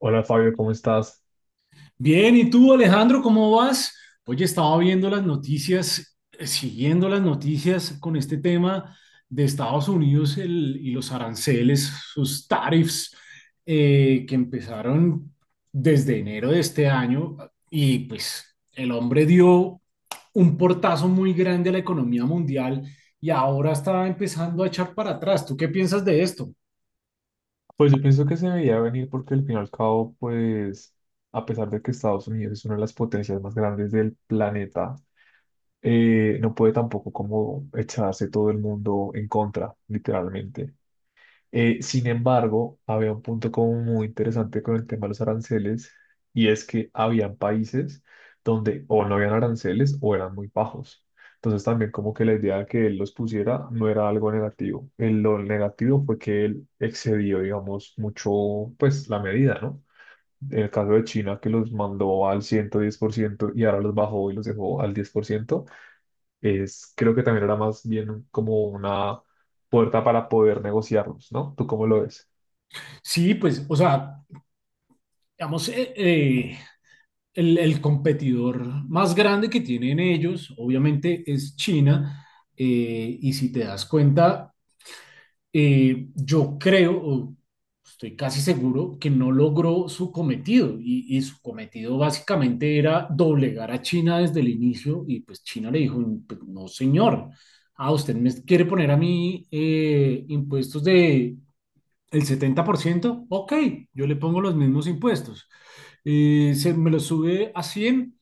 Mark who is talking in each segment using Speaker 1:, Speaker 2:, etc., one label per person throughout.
Speaker 1: Hola Fabio, ¿cómo estás?
Speaker 2: Bien, ¿y tú, Alejandro, cómo vas? Oye, estaba viendo las noticias, siguiendo las noticias con este tema de Estados Unidos y los aranceles, sus tariffs, que empezaron desde enero de este año y pues el hombre dio un portazo muy grande a la economía mundial y ahora está empezando a echar para atrás. ¿Tú qué piensas de esto?
Speaker 1: Pues yo pienso que se veía venir porque al fin y al cabo, pues a pesar de que Estados Unidos es una de las potencias más grandes del planeta, no puede tampoco como echarse todo el mundo en contra, literalmente. Sin embargo, había un punto como muy interesante con el tema de los aranceles y es que habían países donde o no habían aranceles o eran muy bajos. Entonces también como que la idea de que él los pusiera no era algo negativo. El- lo negativo fue que él excedió, digamos, mucho pues la medida, ¿no? En el caso de China que los mandó al 110% y ahora los bajó y los dejó al 10% es, creo que también era más bien como una puerta para poder negociarlos, ¿no? ¿Tú cómo lo ves?
Speaker 2: Sí, pues, o sea, digamos, el competidor más grande que tienen ellos, obviamente, es China. Y si te das cuenta, yo creo, o estoy casi seguro, que no logró su cometido. Y su cometido básicamente era doblegar a China desde el inicio. Y pues China le dijo, "Pues, no, señor, usted me quiere poner a mí impuestos de el 70%. Ok, yo le pongo los mismos impuestos. Me lo sube a 100.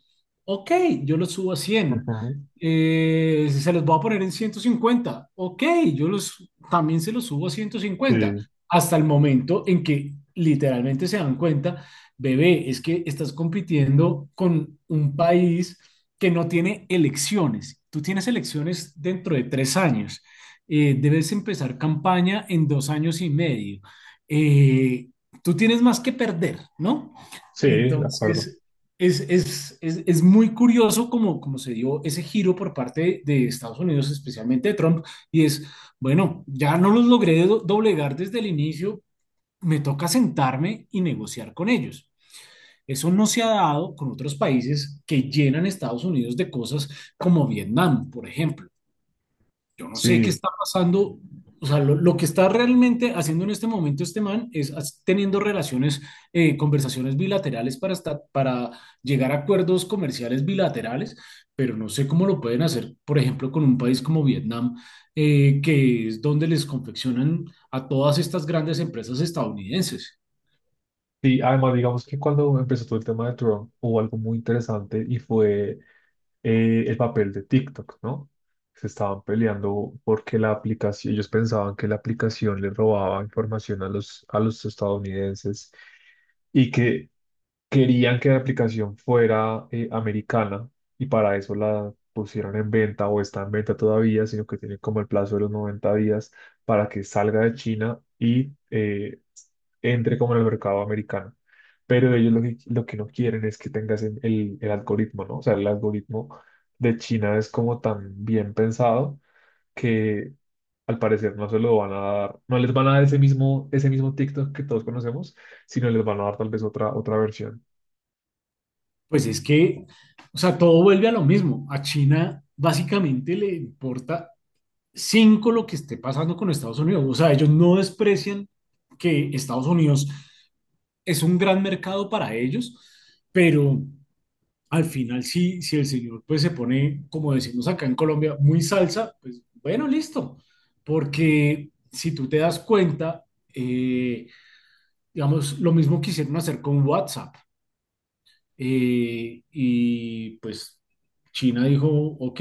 Speaker 2: Ok, yo lo subo a 100.
Speaker 1: Ujú.
Speaker 2: Se los voy a poner en 150. Ok, también se los subo a 150."
Speaker 1: Sí,
Speaker 2: Hasta el momento en que literalmente se dan cuenta, bebé, es que estás compitiendo con un país que no tiene elecciones. Tú tienes elecciones dentro de 3 años. Debes empezar campaña en 2 años y medio. Eh, tú tienes más que perder, ¿no?
Speaker 1: sí, de acuerdo.
Speaker 2: Entonces, es muy curioso como se dio ese giro por parte de Estados Unidos, especialmente de Trump, y es, bueno, ya no los logré doblegar desde el inicio, me toca sentarme y negociar con ellos. Eso no se ha dado con otros países que llenan Estados Unidos de cosas como Vietnam, por ejemplo. Yo no sé qué
Speaker 1: Sí.
Speaker 2: está pasando. O sea, lo que está realmente haciendo en este momento este man es teniendo relaciones, conversaciones bilaterales para, para llegar a acuerdos comerciales bilaterales, pero no sé cómo lo pueden hacer, por ejemplo, con un país como Vietnam, que es donde les confeccionan a todas estas grandes empresas estadounidenses.
Speaker 1: Y además, digamos que cuando empezó todo el tema de Trump hubo algo muy interesante y fue el papel de TikTok, ¿no? Se estaban peleando porque la aplicación, ellos pensaban que la aplicación le robaba información a los estadounidenses y que querían que la aplicación fuera americana y para eso la pusieron en venta o está en venta todavía, sino que tiene como el plazo de los 90 días para que salga de China y entre como en el mercado americano. Pero ellos lo que no quieren es que tengas el algoritmo, ¿no? O sea, el algoritmo de China es como tan bien pensado que al parecer no se lo van a dar, no les van a dar ese mismo TikTok que todos conocemos, sino les van a dar tal vez otra versión.
Speaker 2: Pues es que, o sea, todo vuelve a lo mismo. A China básicamente le importa cinco lo que esté pasando con Estados Unidos. O sea, ellos no desprecian que Estados Unidos es un gran mercado para ellos, pero al final sí, si el señor pues se pone, como decimos acá en Colombia, muy salsa, pues bueno, listo. Porque si tú te das cuenta, eh, digamos, lo mismo quisieron hacer con WhatsApp. Y pues China dijo, ok,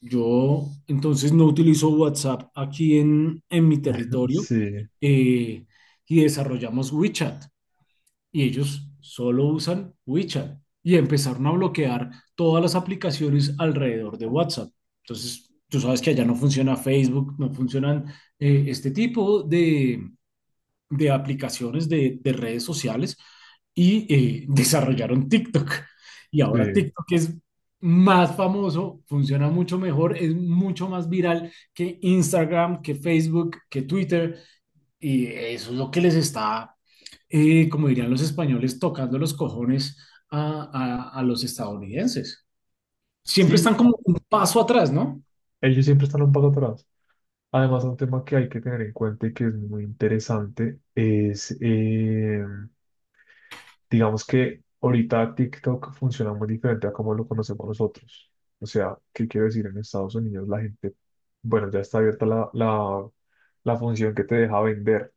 Speaker 2: yo entonces no utilizo WhatsApp aquí en mi territorio.
Speaker 1: Sí,
Speaker 2: eh, y desarrollamos WeChat y ellos solo usan WeChat y empezaron a bloquear todas las aplicaciones alrededor de WhatsApp. Entonces, tú sabes que allá no funciona Facebook, no funcionan este tipo de aplicaciones de redes sociales y desarrollaron TikTok. Y ahora
Speaker 1: sí.
Speaker 2: TikTok es más famoso, funciona mucho mejor, es mucho más viral que Instagram, que Facebook, que Twitter. Y eso es lo que les está, como dirían los españoles, tocando los cojones a los estadounidenses. Siempre
Speaker 1: Sí,
Speaker 2: están como un paso atrás, ¿no?
Speaker 1: ellos siempre están un poco atrás. Además, un tema que hay que tener en cuenta y que es muy interesante es, digamos que ahorita TikTok funciona muy diferente a como lo conocemos nosotros. O sea, ¿qué quiero decir? En Estados Unidos la gente, bueno, ya está abierta la función que te deja vender.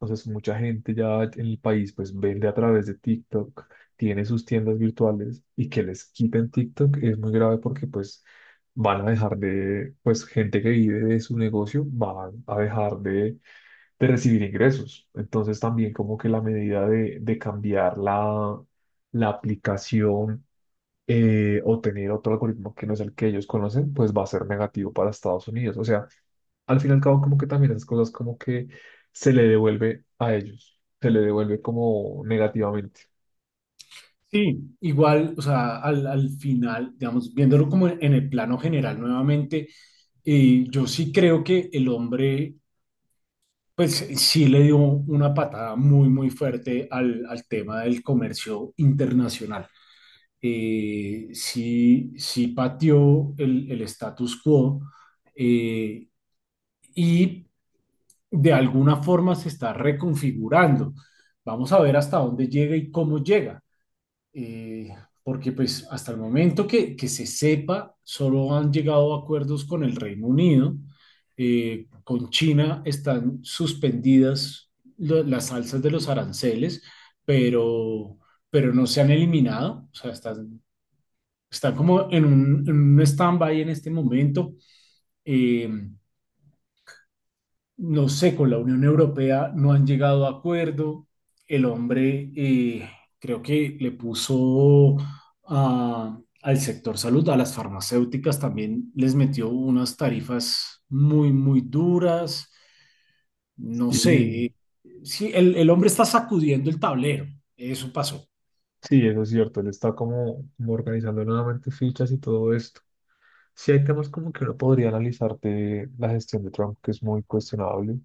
Speaker 1: Entonces, mucha gente ya en el país pues vende a través de TikTok, tiene sus tiendas virtuales y que les quiten TikTok es muy grave porque pues van a dejar de, pues gente que vive de su negocio va a dejar de recibir ingresos. Entonces, también como que la medida de cambiar la, la aplicación o tener otro algoritmo que no es el que ellos conocen, pues va a ser negativo para Estados Unidos. O sea, al fin y al cabo como que también esas cosas como que se le devuelve a ellos, se le devuelve como negativamente.
Speaker 2: Sí, igual, o sea, al final, digamos, viéndolo como en el plano general nuevamente, yo sí creo que el hombre, pues sí le dio una patada muy, muy fuerte al tema del comercio internacional. Sí, sí pateó el status quo. eh, y de alguna forma se está reconfigurando. Vamos a ver hasta dónde llega y cómo llega. eh, Porque pues hasta el momento que se sepa, solo han llegado a acuerdos con el Reino Unido, con China están suspendidas las alzas de los aranceles, pero, pero no se han eliminado, o sea, están como en un, stand-by en este momento. Eh, no sé, con la Unión Europea no han llegado a acuerdo. El hombre creo que le puso al sector salud, a las farmacéuticas también les metió unas tarifas muy, muy duras. No sé,
Speaker 1: Sí,
Speaker 2: sí, el hombre está sacudiendo el tablero, eso pasó.
Speaker 1: sí, eso es cierto, él está como organizando nuevamente fichas y todo esto. Sí hay temas como que uno podría analizar de la gestión de Trump, que es muy cuestionable,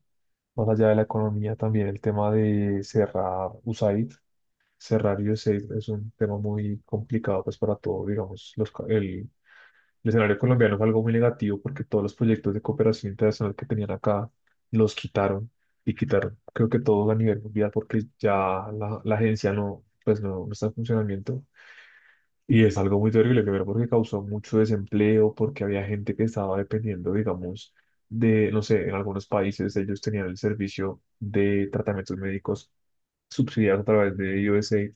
Speaker 1: más allá de la economía, también el tema de cerrar USAID. Cerrar USAID es un tema muy complicado pues para todo, digamos, el escenario colombiano fue algo muy negativo porque todos los proyectos de cooperación internacional que tenían acá los quitaron y quitaron, creo que todos a nivel mundial porque ya la agencia no está en funcionamiento. Y es algo muy terrible, primero porque causó mucho desempleo, porque había gente que estaba dependiendo, digamos, de, no sé, en algunos países ellos tenían el servicio de tratamientos médicos subsidiados a través de USAID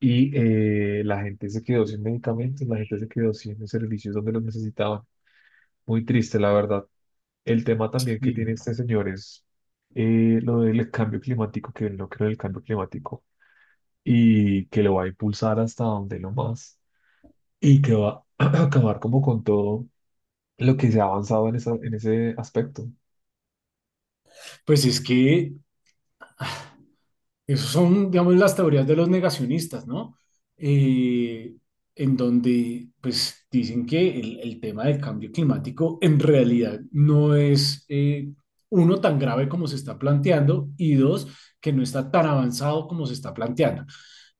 Speaker 1: y la gente se quedó sin medicamentos, la gente se quedó sin servicios donde los necesitaban. Muy triste, la verdad. El tema también que
Speaker 2: Y,
Speaker 1: tiene este señor es lo del cambio climático, que él no cree en el cambio climático y que lo va a impulsar hasta donde lo más y que va a acabar como con todo lo que se ha avanzado en, en ese aspecto.
Speaker 2: Pues es que esas son, digamos, las teorías de los negacionistas, ¿no? Eh, en donde, pues, dicen que el tema del cambio climático en realidad no es, uno, tan grave como se está planteando y dos, que no está tan avanzado como se está planteando.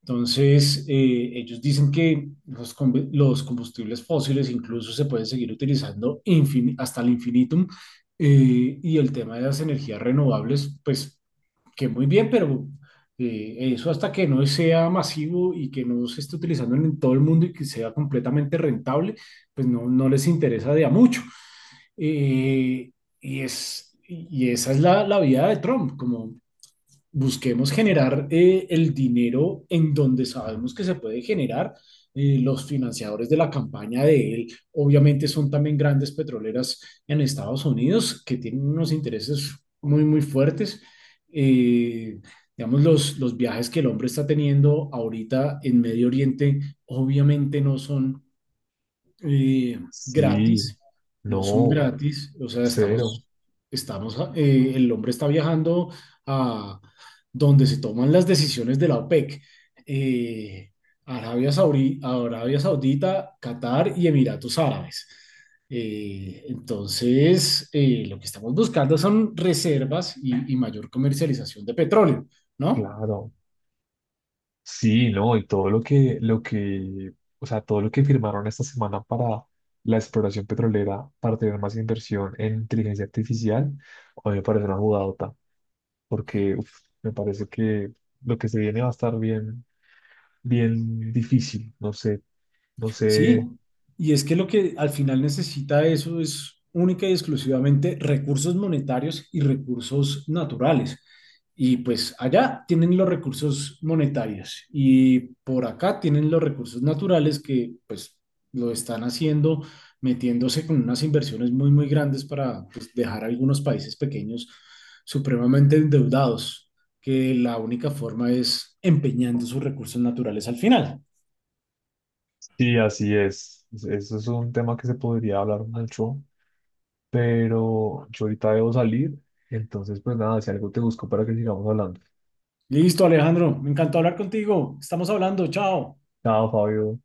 Speaker 2: Entonces, ellos dicen que los combustibles fósiles incluso se pueden seguir utilizando hasta el infinitum. Y el tema de las energías renovables, pues que muy bien, pero eso hasta que no sea masivo y que no se esté utilizando en todo el mundo y que sea completamente rentable, pues no, no les interesa de a mucho. Eh, y esa es la vía de Trump, como busquemos generar el dinero en donde sabemos que se puede generar. Los financiadores de la campaña de él, obviamente, son también grandes petroleras en Estados Unidos que tienen unos intereses muy, muy fuertes. Eh, digamos, los viajes que el hombre está teniendo ahorita en Medio Oriente, obviamente eh,
Speaker 1: Sí,
Speaker 2: gratis, no son
Speaker 1: no,
Speaker 2: gratis, o sea,
Speaker 1: cero,
Speaker 2: el hombre está viajando a donde se toman las decisiones de la OPEC, eh, Arabia Saudí, Arabia Saudita, Qatar y Emiratos Árabes. Entonces, lo que estamos buscando son reservas y mayor comercialización de petróleo, ¿no?
Speaker 1: claro. Sí, no, y todo o sea, todo lo que firmaron esta semana para la exploración petrolera, para tener más inversión en inteligencia artificial, a mí me parece una jugadota, porque uf, me parece que lo que se viene va a estar bien, bien difícil, no sé, no
Speaker 2: Sí,
Speaker 1: sé,
Speaker 2: y es que lo que al final necesita eso es única y exclusivamente recursos monetarios y recursos naturales. Y pues allá tienen los recursos monetarios y por acá tienen los recursos naturales que pues lo están haciendo metiéndose con unas inversiones muy, muy grandes para pues, dejar a algunos países pequeños supremamente endeudados, que la única forma es empeñando sus recursos naturales al final.
Speaker 1: sí, así es. Es- eso es un tema que se podría hablar mucho, pero yo ahorita debo salir, entonces pues nada, si algo te busco para que sigamos hablando.
Speaker 2: Listo, Alejandro, me encantó hablar contigo. Estamos hablando, chao.
Speaker 1: Chao, Fabio.